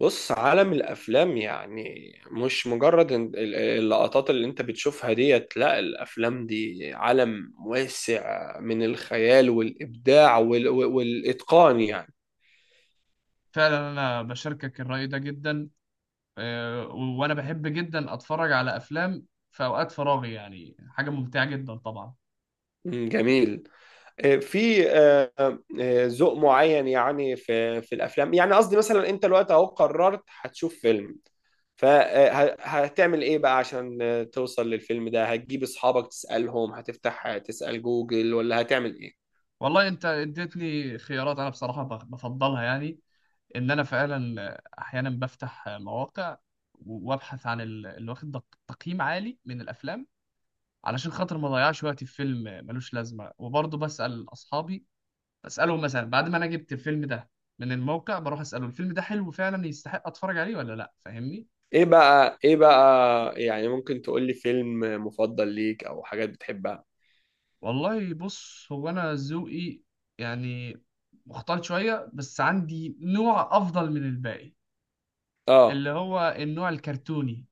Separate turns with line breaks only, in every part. بص، عالم الافلام، يعني مش مجرد اللقطات اللي انت بتشوفها ديت. لا، الافلام دي عالم واسع من الخيال والابداع والاتقان يعني.
فعلا انا بشاركك الرأي ده جدا. وانا بحب جدا اتفرج على افلام في اوقات فراغي، يعني حاجة ممتعة جدا طبعا.
مم، جميل. آه، في آه، ذوق معين، يعني في الافلام. يعني قصدي، مثلا انت دلوقتي اهو قررت هتشوف فيلم، فهتعمل ايه بقى عشان توصل للفيلم ده؟ هتجيب اصحابك تسالهم؟ هتفتح تسال جوجل؟ ولا هتعمل ايه؟
والله انت اديتني خيارات، انا بصراحة بفضلها، يعني ان انا فعلا احيانا بفتح مواقع وابحث عن اللي واخد تقييم عالي من الافلام، علشان خاطر ما اضيعش وقتي في فيلم ملوش لازمة. وبرضه بسأل اصحابي، بسألهم مثلا بعد ما انا جبت الفيلم ده من الموقع، بروح اسأله الفيلم ده حلو فعلا يستحق اتفرج عليه ولا لا، فاهمني؟
ايه بقى، يعني ممكن تقول لي فيلم مفضل ليك او حاجات بتحبها؟
والله بص، هو انا ذوقي يعني مختلط شويه، بس عندي نوع افضل من الباقي،
اه،
اللي هو النوع الكرتوني،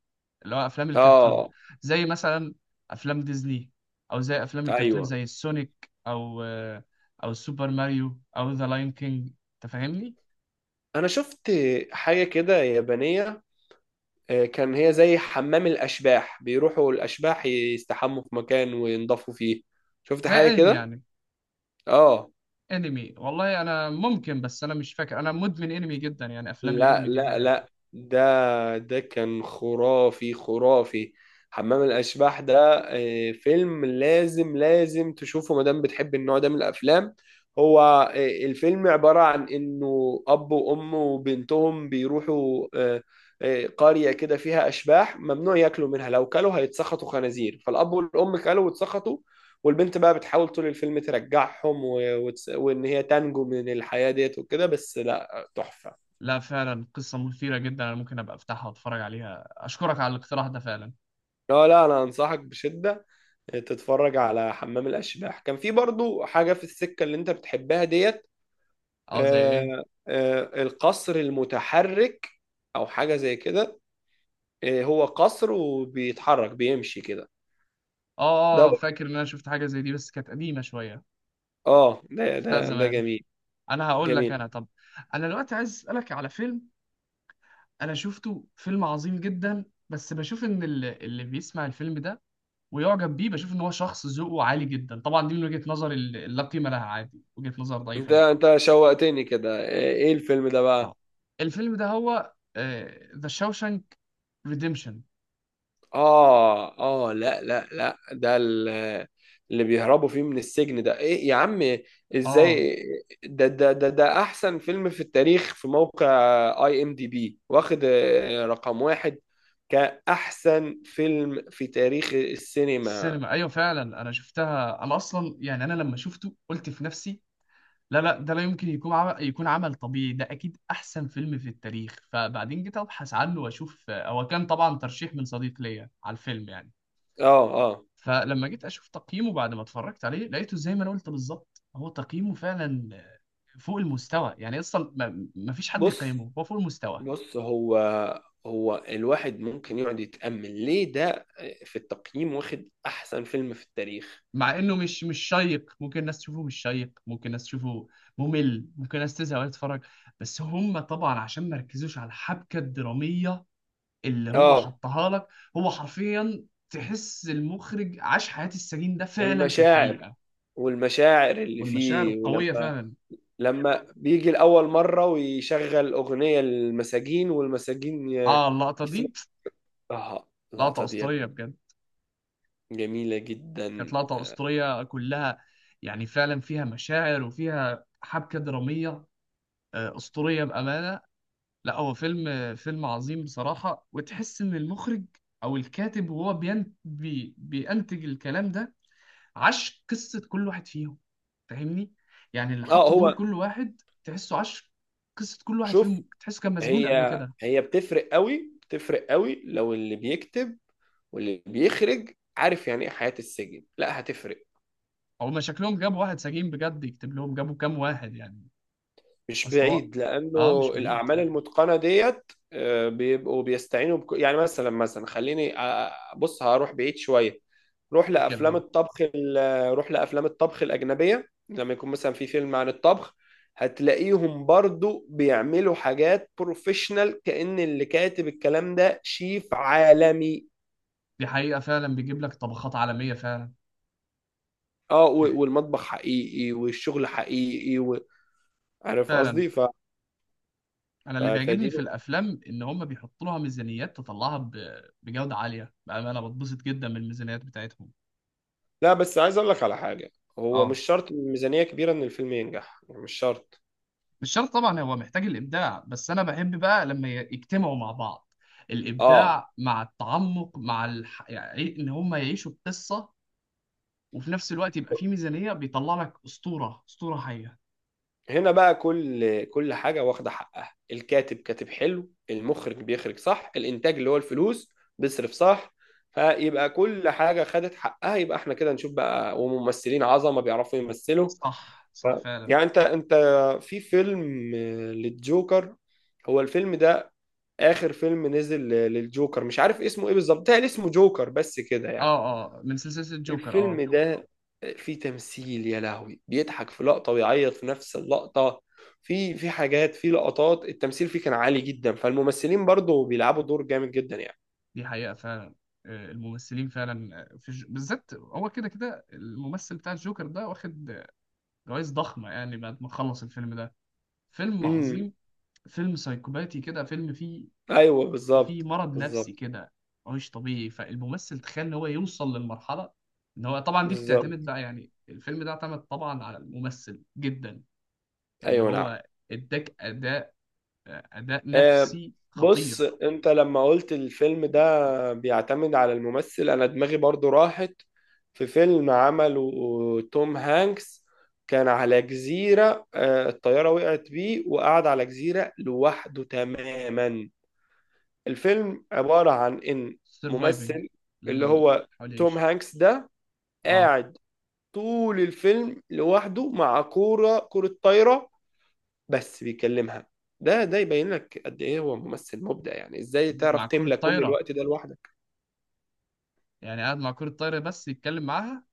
اللي هو افلام الكرتون،
اه،
زي مثلا افلام ديزني، او زي افلام الكرتون
ايوه،
زي السونيك، او او سوبر ماريو، او ذا لاين كينج، انت فاهمني؟
انا شفت حاجة كده يابانية، كان هي زي حمام الاشباح، بيروحوا الاشباح يستحموا في مكان وينضفوا فيه. شفت
زي
حاجة
انمي
كده؟
يعني.
اه،
انمي، والله انا ممكن، بس انا مش فاكر. انا مدمن انمي جدا، يعني افلام
لا،
الانمي دي
لا،
حاجه.
لا، ده كان خرافي، خرافي. حمام الأشباح ده فيلم لازم، لازم تشوفه ما دام بتحب النوع ده من الأفلام. هو، الفيلم عبارة عن إنه أب وأم وبنتهم بيروحوا قرية كده فيها أشباح، ممنوع ياكلوا منها، لو كلوا هيتسخطوا خنازير. فالأب والأم كلوا واتسخطوا، والبنت بقى بتحاول طول الفيلم ترجعهم وإن هي تنجو من الحياة ديت وكده. بس لا، تحفة.
لا فعلا، قصة مثيرة جدا، أنا ممكن أبقى أفتحها وأتفرج عليها، أشكرك على الاقتراح ده فعلا.
لا، لا، انا انصحك بشدة تتفرج على حمام الاشباح. كان في برضو حاجة في السكة اللي انت بتحبها ديت.
أه، زي إيه؟
القصر المتحرك، او حاجة زي كده. هو قصر وبيتحرك، بيمشي كده.
أه
ده
أه، فاكر إن أنا شفت حاجة زي دي بس كانت قديمة شوية،
اه، ده ده
شفتها
ده
زمان.
جميل،
أنا هقول لك،
جميل.
أنا طب، أنا دلوقتي عايز أسألك على فيلم أنا شفته، فيلم عظيم جدا، بس بشوف إن اللي بيسمع الفيلم ده ويعجب بيه، بشوف إن هو شخص ذوقه عالي جدا طبعا. دي من وجهة نظر لا قيمة لها، عادي، وجهة نظر ضعيفة
انت
جدا.
انت شوقتني كده. ايه الفيلم ده
أه،
بقى؟
الفيلم ده هو ذا شاوشانك ريديمشن.
اه، اه، لا، لا، لا، ده اللي بيهربوا فيه من السجن. ده ايه يا عم؟
اه، The Shawshank Redemption. آه.
ازاي؟ ده احسن فيلم في التاريخ، في موقع IMDB، واخد رقم واحد كأحسن فيلم في تاريخ السينما.
السينما، ايوه فعلا انا شفتها. انا اصلا يعني انا لما شفته قلت في نفسي: لا لا، ده لا يمكن يكون عمل، يكون عمل طبيعي، ده اكيد احسن فيلم في التاريخ. فبعدين جيت ابحث عنه واشوف، هو كان طبعا ترشيح من صديق ليا على الفيلم يعني.
اه، اه،
فلما جيت اشوف تقييمه بعد ما اتفرجت عليه، لقيته زي ما انا قلت بالظبط، هو تقييمه فعلا فوق المستوى، يعني اصلا ما فيش حد
بص،
يقيمه، هو فوق المستوى.
بص، هو هو الواحد ممكن يقعد يتأمل ليه ده في التقييم واخد احسن فيلم في التاريخ.
مع انه مش شيق، ممكن الناس تشوفه مش شيق، ممكن الناس تشوفه ممل، ممكن الناس تزهق وهي تتفرج. بس هم طبعا عشان ما ركزوش على الحبكه الدراميه اللي هو
اه،
حطها لك. هو حرفيا تحس المخرج عاش حياه السجين ده فعلا في
والمشاعر
الحقيقه.
والمشاعر اللي
والمشاعر
فيه.
القويه
ولما
فعلا.
بيجي لأول مرة ويشغل أغنية للمساجين، والمساجين
اه، اللقطه دي
يسمعوا. آه
لقطه
اللقطة ديت
اسطوريه بجد،
جميلة
كانت
جدا،
لقطه
اه.
اسطوريه كلها. يعني فعلا فيها مشاعر وفيها حبكه دراميه، اسطوريه بامانه. لا هو فيلم، فيلم عظيم بصراحة، وتحس إن المخرج أو الكاتب وهو بينتج الكلام ده عاش قصة كل واحد فيهم، فاهمني؟ يعني اللي حط دور
هو،
كل واحد تحسه عاش قصة كل واحد
شوف،
فيهم، تحسه كان مسجون
هي
قبل كده.
هي بتفرق قوي، بتفرق قوي، لو اللي بيكتب واللي بيخرج عارف يعني ايه حياة السجن، لا، هتفرق.
أو ما شكلهم جابوا واحد سجين بجد يكتب لهم، جابوا كام واحد يعني.
مش
أصل هو،
بعيد،
أه مش
لانه
بعيد
الاعمال
فعلا.
المتقنه ديت بيبقوا بيستعينوا يعني مثلا، خليني بص، هروح بعيد شويه. روح
مش مشكلة
لافلام
أه.
الطبخ ال... روح لافلام الطبخ الاجنبيه، لما يكون مثلا في فيلم عن الطبخ، هتلاقيهم برضو بيعملوا حاجات بروفيشنال، كأن اللي كاتب الكلام ده شيف عالمي.
دي حقيقة فعلا، بيجيب لك طبخات عالمية فعلا.
اه،
ك-
والمطبخ حقيقي والشغل حقيقي عارف
فعلا.
قصدي؟
انا اللي بيعجبني
فدي...
في الافلام ان هم بيحطوا لها ميزانيات تطلعها بجوده عاليه بقى، انا بتبسط جدا من الميزانيات بتاعتهم.
لا، بس عايز اقول لك على حاجه، هو مش
اه
شرط ميزانيه كبيره ان الفيلم ينجح، يعني مش شرط.
مش شرط طبعا، هو محتاج الابداع، بس انا بحب بقى لما يجتمعوا مع بعض
اه،
الابداع مع التعمق مع يعني إيه، ان هم يعيشوا القصه، وفي نفس الوقت يبقى في ميزانيه، بيطلع لك اسطوره، اسطوره حيه.
هنا بقى كل حاجه واخده حقها، الكاتب كاتب حلو، المخرج بيخرج صح، الانتاج اللي هو الفلوس بيصرف صح، فيبقى كل حاجه خدت حقها، يبقى احنا كده نشوف بقى، وممثلين عظمه بيعرفوا يمثلوا.
صح
ف...
صح فعلا.
يعني انت، في فيلم للجوكر، هو الفيلم ده اخر فيلم نزل للجوكر، مش عارف اسمه ايه بالظبط، ده اسمه جوكر بس كده يعني.
اه اه، من سلسله الجوكر
الفيلم
اه.
ده فيه تمثيل يا لهوي، بيضحك في لقطة ويعيط في نفس اللقطة. في حاجات في لقطات التمثيل فيه كان عالي جدا، فالممثلين برضو بيلعبوا دور جامد جدا يعني.
دي حقيقة فعلا. الممثلين فعلا، بالذات هو كده كده الممثل بتاع الجوكر ده واخد جوائز ضخمة، يعني بعد ما خلص الفيلم ده. فيلم
امم
عظيم، فيلم سايكوباتي كده، فيلم فيه،
ايوه،
فيه
بالظبط،
مرض نفسي
بالظبط.
كده مش طبيعي. فالممثل تخيل ان هو يوصل للمرحلة. ان هو طبعا دي بتعتمد
بالظبط،
بقى، يعني الفيلم ده اعتمد طبعا على الممثل جدا، ان
ايوه، نعم.
هو اداك اداء، اداء
آه،
نفسي
بص،
خطير.
انت لما قلت الفيلم ده بيعتمد على الممثل، انا دماغي برضو راحت في فيلم عمله توم هانكس. كان على جزيرة، الطيارة وقعت بيه وقعد على جزيرة لوحده تماما. الفيلم عبارة عن ان
سرفايفنج،
ممثل، اللي هو
حاول
توم
يعيش.
هانكس ده،
اه،
قاعد طول الفيلم لوحده مع كرة طايرة، بس بيكلمها. ده يبين لك قد ايه هو ممثل مبدع، يعني ازاي تعرف
مع كرة
تملى كل
طايرة،
الوقت ده لوحدك.
يعني قاعد مع كرة طايرة بس يتكلم معاها.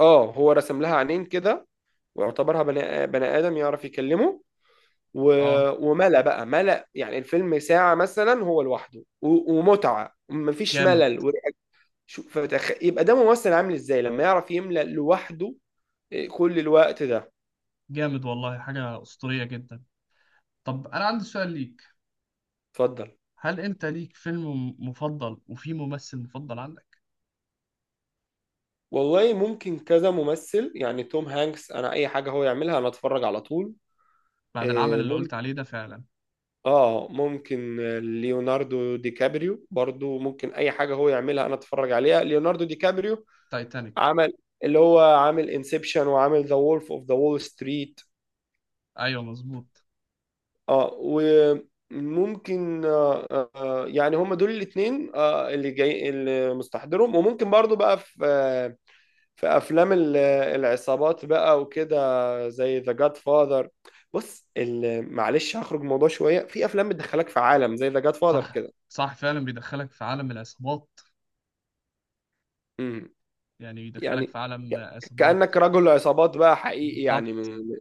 اه، هو رسم لها عينين كده واعتبرها بني ادم يعرف يكلمه. و...
اه
وملأ بقى، يعني الفيلم ساعة مثلا هو لوحده ومتعة، مفيش
جامد.
ملل. يبقى ده ممثل عامل ازاي لما يعرف يملأ لوحده كل الوقت ده.
جامد والله، حاجة أسطورية جدا. طب أنا عندي سؤال ليك،
اتفضل.
هل أنت ليك فيلم مفضل وفي ممثل مفضل عندك؟
والله، ممكن كذا ممثل، يعني توم هانكس، انا اي حاجة هو يعملها انا اتفرج على طول.
بعد العمل
إيه،
اللي قلت عليه ده فعلا.
اه، ممكن ليوناردو دي كابريو برضو، ممكن اي حاجه هو يعملها انا اتفرج عليها. ليوناردو دي كابريو
تايتانيك.
عمل، اللي هو عامل انسبشن، وعامل ذا وولف اوف ذا وول ستريت.
أيوه مظبوط.
اه، وممكن، يعني هم دول الاثنين، اللي جاي، اللي مستحضرهم. وممكن برضو بقى في في افلام العصابات بقى وكده، زي ذا جاد فاذر. بص، معلش هخرج من الموضوع شويه. في افلام بتدخلك في عالم زي ذا جاد فاذر
صح
كده،
صح فعلا، بيدخلك في عالم العصابات، يعني بيدخلك
يعني
في عالم
ك-
عصابات.
كأنك رجل عصابات بقى حقيقي يعني،
بالظبط.
من ب-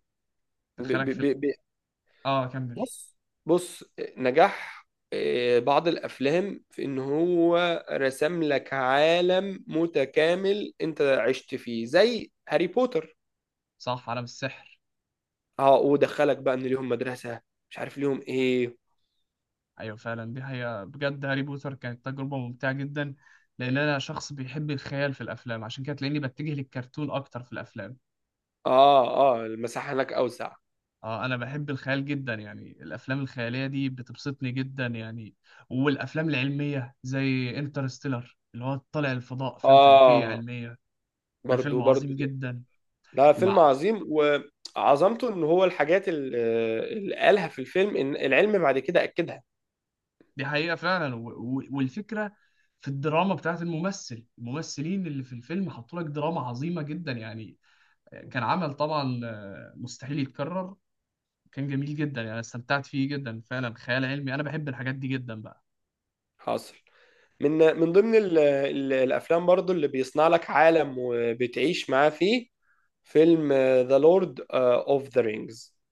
دخلك
ب-
في
ب- ب-
اه كمل.
بص، بص، نجاح بعض الأفلام في إن هو رسم لك عالم متكامل أنت عشت فيه، زي هاري بوتر.
صح، عالم السحر.
اه، ودخلك بقى إن ليهم مدرسة، مش عارف ليهم إيه.
ايوه فعلا، دي حقيقة بجد، هاري بوتر كانت تجربة ممتعة جدا، لان انا شخص بيحب الخيال في الافلام، عشان كده تلاقيني بتجه للكرتون اكتر في الافلام.
اه، اه، المساحة هناك أوسع.
اه انا بحب الخيال جدا، يعني الافلام الخيالية دي بتبسطني جدا يعني. والافلام العلمية زي انترستيلر اللي هو طالع الفضاء، افلام فلكية
اه،
علمية، ده
برضو،
فيلم
برضو،
عظيم جدا.
ده فيلم
مع،
عظيم. وعظمته إن هو الحاجات اللي قالها في الفيلم إن العلم بعد كده أكدها.
دي حقيقة فعلا. والفكرة في الدراما بتاعت الممثل، الممثلين اللي في الفيلم حطوا لك دراما عظيمة جدا يعني. كان عمل طبعا مستحيل يتكرر. كان جميل جدا، يعني استمتعت فيه جدا فعلا. خيال علمي، انا بحب الحاجات دي جدا بقى.
حاصل، من من ضمن ال ال الافلام برضو اللي بيصنع لك عالم وبتعيش معاه فيه، فيلم ذا لورد اوف ذا رينجز.